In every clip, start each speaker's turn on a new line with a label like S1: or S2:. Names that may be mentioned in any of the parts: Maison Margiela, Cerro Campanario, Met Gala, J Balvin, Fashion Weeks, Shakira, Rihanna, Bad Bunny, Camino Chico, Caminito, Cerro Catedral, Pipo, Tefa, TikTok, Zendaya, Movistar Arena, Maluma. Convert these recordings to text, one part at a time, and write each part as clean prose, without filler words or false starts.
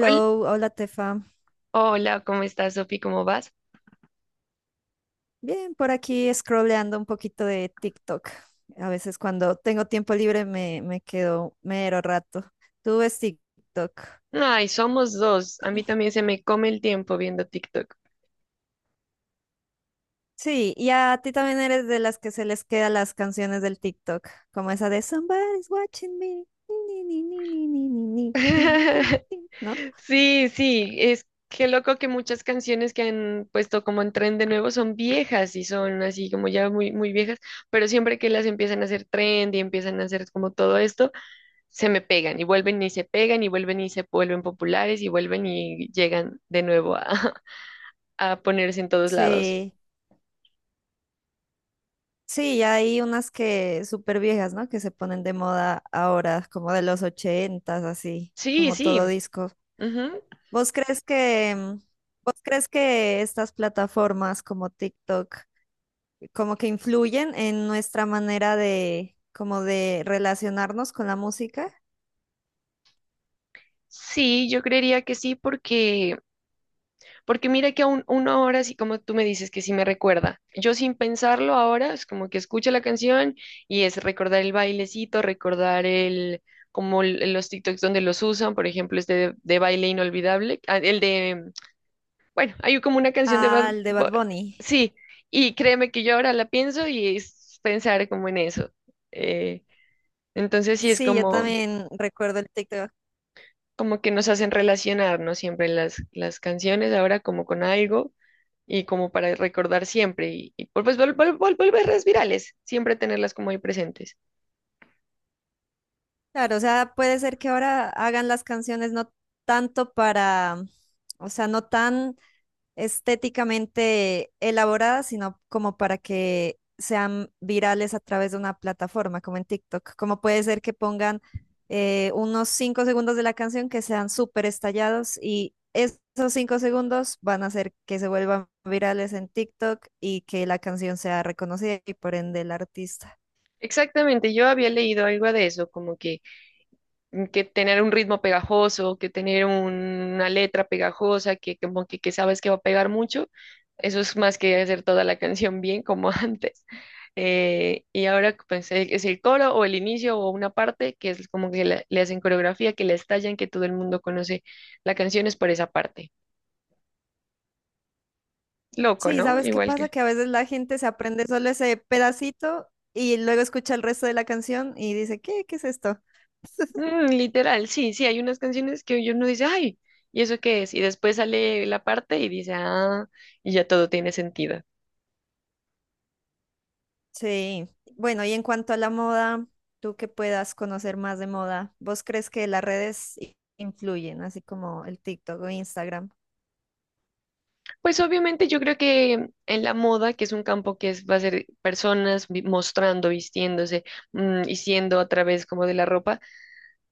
S1: Hol-
S2: hola Tefa.
S1: Hola, ¿cómo estás, Sofi? ¿Cómo vas?
S2: Bien, por aquí scrolleando un poquito de TikTok. A veces cuando tengo tiempo libre me quedo mero rato. ¿Tú ves TikTok?
S1: Ay, somos dos. A mí también se me come el tiempo viendo TikTok.
S2: Sí, y a ti también eres de las que se les quedan las canciones del TikTok, como esa de "Somebody's watching me. Ni, ni, ni, ni, ni, ni, ni, tin, tin, tin", ¿no?
S1: Sí, sí, es que loco que muchas canciones que han puesto como en tren de nuevo son viejas y son así como ya muy, muy viejas, pero siempre que las empiezan a hacer trend y empiezan a hacer como todo esto, se me pegan y vuelven y se pegan y vuelven y se vuelven populares y vuelven y llegan de nuevo a, a ponerse en todos lados.
S2: Sí, sí, y hay unas que súper viejas, ¿no? Que se ponen de moda ahora, como de los ochentas, así,
S1: Sí,
S2: como todo
S1: sí.
S2: disco. ¿Vos crees que, vos crees que estas plataformas como TikTok como que influyen en nuestra manera de como de relacionarnos con la música?
S1: Sí, yo creería que sí, porque, porque mira que aún uno ahora, así como tú me dices que sí me recuerda, yo sin pensarlo ahora, es como que escucho la canción y es recordar el bailecito, recordar el, como los TikToks donde los usan, por ejemplo, este de baile inolvidable, ah, el de, bueno, hay como una canción de
S2: Al de Bad Bunny.
S1: Sí, y créeme que yo ahora la pienso y es pensar como en eso. eh, entonces sí es
S2: Sí, yo
S1: como...
S2: también recuerdo el TikTok.
S1: como que nos hacen relacionarnos siempre las canciones ahora como con algo y como para recordar siempre y pues volverlas virales, siempre tenerlas como ahí presentes.
S2: Claro, o sea, puede ser que ahora hagan las canciones no tanto para, o sea, no tan estéticamente elaboradas, sino como para que sean virales a través de una plataforma, como en TikTok. Como puede ser que pongan unos 5 segundos de la canción que sean súper estallados y esos 5 segundos van a hacer que se vuelvan virales en TikTok y que la canción sea reconocida y por ende el artista.
S1: Exactamente, yo había leído algo de eso, como que que tener un ritmo pegajoso, que tener una letra pegajosa, que como que sabes que va a pegar mucho, eso es más que hacer toda la canción bien como antes. Y ahora pues, es el coro o el inicio o una parte que es como que le hacen coreografía, que la estallan, que todo el mundo conoce la canción es por esa parte. Loco,
S2: Sí,
S1: ¿no?
S2: ¿sabes qué
S1: Igual
S2: pasa?
S1: que...
S2: Que a veces la gente se aprende solo ese pedacito y luego escucha el resto de la canción y dice, ¿qué? ¿Qué es esto?
S1: Mm, literal, sí, sí, hay unas canciones que uno dice, ay, ¿y eso qué es? Y después sale la parte y dice, ah, y ya todo tiene sentido.
S2: Sí, bueno, y en cuanto a la moda, tú que puedas conocer más de moda, ¿vos crees que las redes influyen, así como el TikTok o Instagram?
S1: Pues obviamente yo creo que en la moda, que es un campo que va a ser personas mostrando, vistiéndose y siendo a través como de la ropa,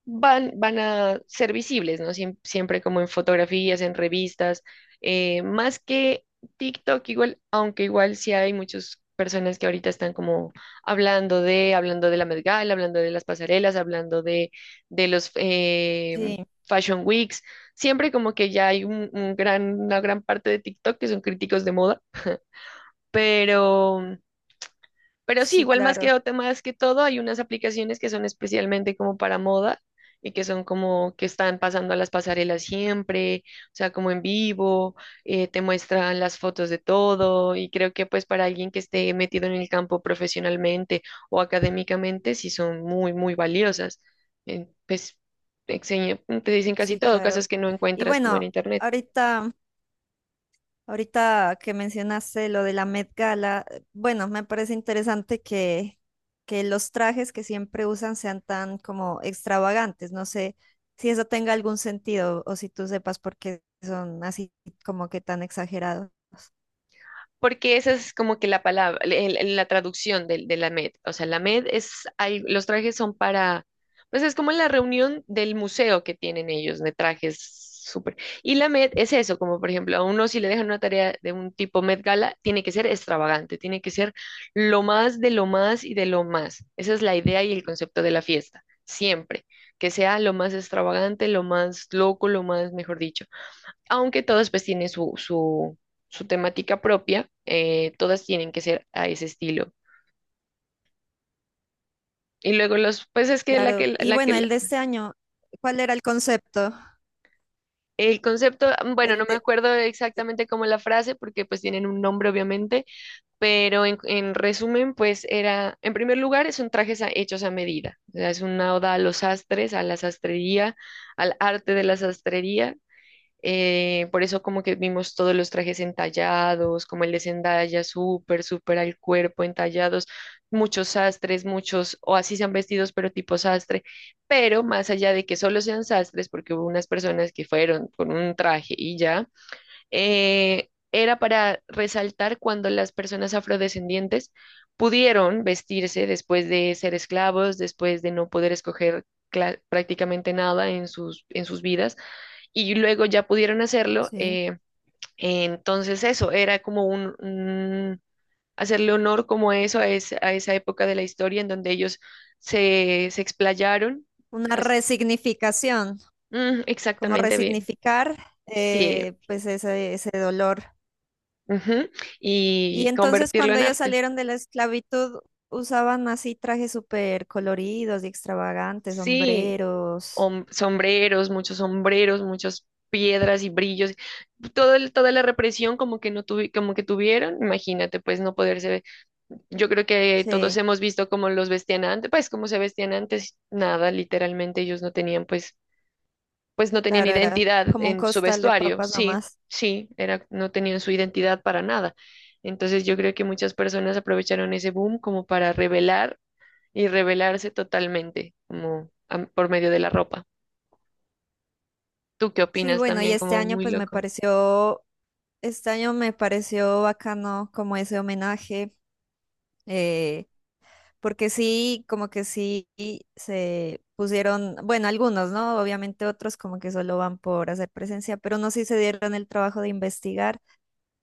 S1: van a ser visibles, ¿no? Siempre como en fotografías, en revistas, más que TikTok igual, aunque igual sí hay muchas personas que ahorita están como hablando de la Met Gala, hablando de las pasarelas, hablando de los
S2: Sí,
S1: Fashion Weeks, siempre como que ya hay un gran, una gran parte de TikTok que son críticos de moda, pero... Pero sí,
S2: sí,
S1: igual más que,
S2: claro,
S1: más que todo, hay unas aplicaciones que son especialmente como para moda y que son como que están pasando a las pasarelas siempre, o sea, como en vivo, te muestran las fotos de todo y creo que pues para alguien que esté metido en el campo profesionalmente o académicamente, sí son muy, muy valiosas. Pues te dicen casi
S2: sí,
S1: todo,
S2: claro.
S1: cosas que no
S2: Y
S1: encuentras como en
S2: bueno,
S1: internet.
S2: ahorita, ahorita que mencionaste lo de la Met Gala, bueno, me parece interesante que los trajes que siempre usan sean tan como extravagantes. No sé si eso tenga algún sentido o si tú sepas por qué son así como que tan exagerados.
S1: Porque esa es como que la palabra, la traducción de, la MED. O sea, la MED es, los trajes son para, pues es como la reunión del museo que tienen ellos de trajes súper. Y la MED es eso, como por ejemplo, a uno si le dejan una tarea de un tipo MED Gala, tiene que ser extravagante, tiene que ser lo más de lo más y de lo más. Esa es la idea y el concepto de la fiesta, siempre. Que sea lo más extravagante, lo más loco, lo más, mejor dicho aunque todas pues tienen su, su, su temática propia, todas tienen que ser a ese estilo. Y luego los, pues es que
S2: Claro. Y
S1: la
S2: bueno,
S1: que,
S2: el de este año, ¿cuál era el concepto?
S1: el concepto, bueno,
S2: El
S1: no me
S2: de,
S1: acuerdo exactamente cómo la frase, porque pues tienen un nombre obviamente, pero en resumen, pues era, en primer lugar, son trajes hechos a medida, o sea, es una oda a los sastres, a la sastrería, al arte de la sastrería. Por eso como que vimos todos los trajes entallados, como el de Zendaya, súper, súper al cuerpo, entallados, muchos sastres, muchos, o así sean vestidos, pero tipo sastre, pero más allá de que solo sean sastres, porque hubo unas personas que fueron con un traje y ya, era para resaltar cuando las personas afrodescendientes pudieron vestirse después de ser esclavos, después de no poder escoger prácticamente nada en sus, en sus vidas y luego ya pudieron hacerlo.
S2: sí,
S1: Entonces eso era como un, hacerle honor como a eso, a, a esa época de la historia en donde ellos se, se explayaron.
S2: una
S1: así-
S2: resignificación,
S1: Mm,
S2: como
S1: exactamente bien.
S2: resignificar
S1: Sí.
S2: pues ese dolor.
S1: Ujú,
S2: Y
S1: y
S2: entonces
S1: convertirlo
S2: cuando
S1: en
S2: ellos
S1: arte.
S2: salieron de la esclavitud, usaban así trajes súper coloridos y extravagantes,
S1: Sí.
S2: sombreros.
S1: Sombreros, muchos sombreros, muchas piedras y brillos, todo toda la represión como que no como que tuvieron, imagínate, pues no poderse, yo creo que todos
S2: Sí,
S1: hemos visto cómo los vestían antes, pues cómo se vestían antes, nada, literalmente ellos no tenían pues, pues no tenían
S2: claro, era
S1: identidad
S2: como un
S1: en su
S2: costal de
S1: vestuario,
S2: papas
S1: sí,
S2: nomás.
S1: sí, era, no tenían su identidad para nada. Entonces yo creo que muchas personas aprovecharon ese boom como para revelar y revelarse totalmente, como por medio de la ropa. ¿Tú qué
S2: Sí,
S1: opinas
S2: bueno, y
S1: también?
S2: este
S1: Como
S2: año
S1: muy
S2: pues me
S1: loco.
S2: pareció, este año me pareció bacano como ese homenaje. eh, Porque sí, como que sí se pusieron, bueno, algunos, ¿no? Obviamente otros como que solo van por hacer presencia, pero no sí se dieron el trabajo de investigar.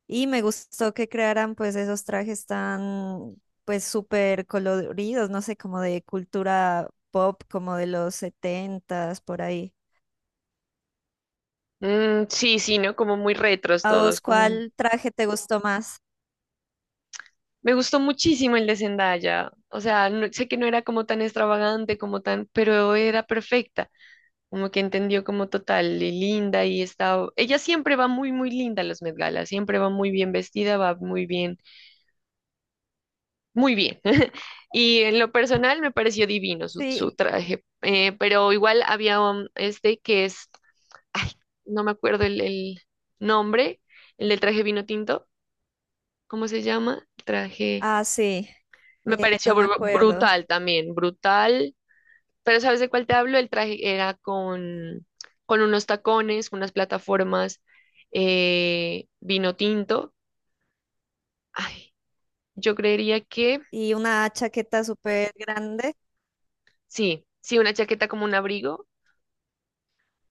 S2: Y me gustó que crearan pues esos trajes tan pues súper coloridos, no sé, como de cultura pop, como de los setentas, por ahí.
S1: Mm, sí, sí, ¿no? Como muy retros
S2: ¿A vos
S1: todos. Como...
S2: cuál traje te gustó más?
S1: Me gustó muchísimo el de Zendaya. O sea, sé que no era como tan extravagante, como tan, pero era perfecta. Como que entendió como total, y linda y está. Ella siempre va muy, muy linda a los Met Gala. Siempre va muy bien vestida, va muy bien, muy bien. Y en lo personal me pareció divino su,
S2: Sí,
S1: su traje. Pero igual había este que es ay, no me acuerdo el nombre, el del traje vino tinto, ¿cómo se llama? El traje,
S2: ah, sí,
S1: me pareció
S2: no me acuerdo.
S1: brutal también, brutal, pero ¿sabes de cuál te hablo? El traje era con unos tacones, unas plataformas, vino tinto, ay, yo creería que
S2: Y una chaqueta súper grande.
S1: sí, sí, una chaqueta como un abrigo,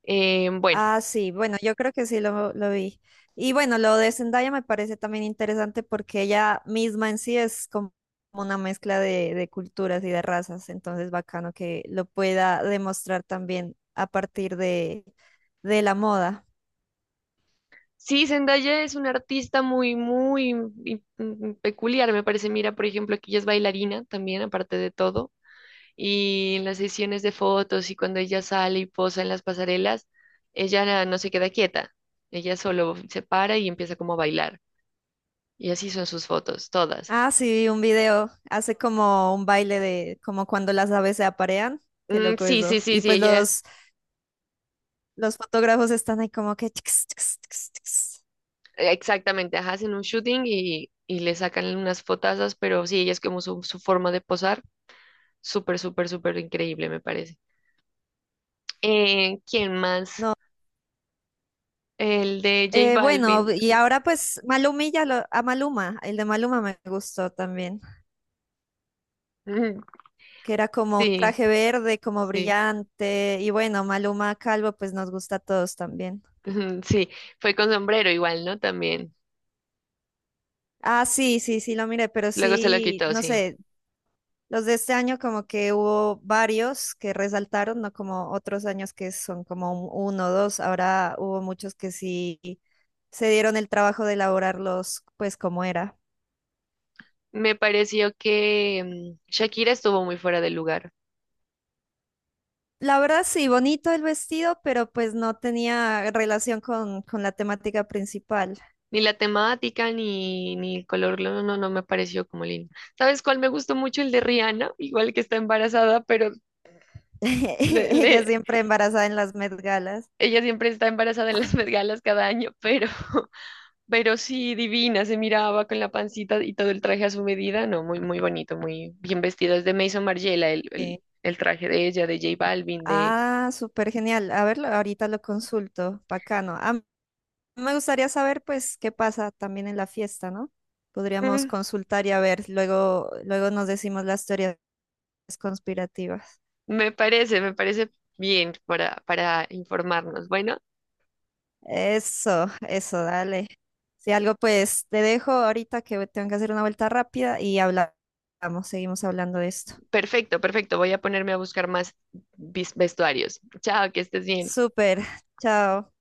S1: bueno.
S2: Ah, sí, bueno, yo creo que sí lo vi. Y bueno, lo de Zendaya me parece también interesante porque ella misma en sí es como una mezcla de culturas y de razas, entonces bacano que lo pueda demostrar también a partir de la moda.
S1: Sí, Zendaya es una artista muy, muy peculiar, me parece. Mira, por ejemplo, aquí ella es bailarina también, aparte de todo. Y en las sesiones de fotos y cuando ella sale y posa en las pasarelas, ella no se queda quieta, ella solo se para y empieza como a bailar. Y así son sus fotos, todas.
S2: Ah, sí, vi un video, hace como un baile de como cuando las aves se aparean, qué
S1: Mm,
S2: loco
S1: sí, sí,
S2: eso.
S1: sí,
S2: Y
S1: sí,
S2: pues
S1: ella,
S2: los fotógrafos están ahí como que... tx, tx, tx, tx.
S1: exactamente, ajá, hacen un shooting y le sacan unas fotazas, pero sí, ella es como su forma de posar, súper, súper, súper increíble, me parece. ¿Quién más? El de J
S2: Bueno,
S1: Balvin.
S2: y ahora pues Malumilla, a Maluma, el de Maluma me gustó también,
S1: Mm,
S2: que era como un
S1: sí,
S2: traje verde, como
S1: sí,
S2: brillante, y bueno, Maluma calvo pues nos gusta a todos también.
S1: ujú, sí, fue con sombrero igual, ¿no? También.
S2: Ah, sí, sí, sí, lo miré, pero
S1: Luego se lo
S2: sí,
S1: quitó,
S2: no
S1: sí.
S2: sé, los de este año como que hubo varios que resaltaron, no como otros años que son como uno o dos, ahora hubo muchos que sí se dieron el trabajo de elaborarlos pues como era.
S1: Me pareció que Shakira estuvo muy fuera del lugar.
S2: La verdad sí, bonito el vestido, pero pues no tenía relación con la temática principal.
S1: Ni la temática, ni, ni el color, no, no, no me pareció como lindo. ¿Sabes cuál me gustó mucho? El de Rihanna, igual que está embarazada, pero le,
S2: Ella
S1: le-
S2: siempre embarazada en las Met Galas.
S1: ella siempre está embarazada en las vergalas cada año, pero, pero sí, divina, se miraba con la pancita y todo el traje a su medida, no, muy, muy bonito, muy bien vestido. Es de Maison Margiela,
S2: Sí.
S1: el traje de ella, de J Balvin, de...
S2: Ah, súper genial. A verlo, ahorita lo consulto. Bacano. Ah, me gustaría saber pues qué pasa también en la fiesta, ¿no? Podríamos
S1: mm,
S2: consultar y a ver, luego, luego nos decimos las teorías conspirativas.
S1: me parece, me parece bien para informarnos. Bueno,
S2: Eso, dale. Si algo, pues te dejo ahorita que tengo que hacer una vuelta rápida y hablamos, seguimos hablando de esto.
S1: perfecto, perfecto. Voy a ponerme a buscar más vestuarios. Chao, que estés bien.
S2: Súper, chao.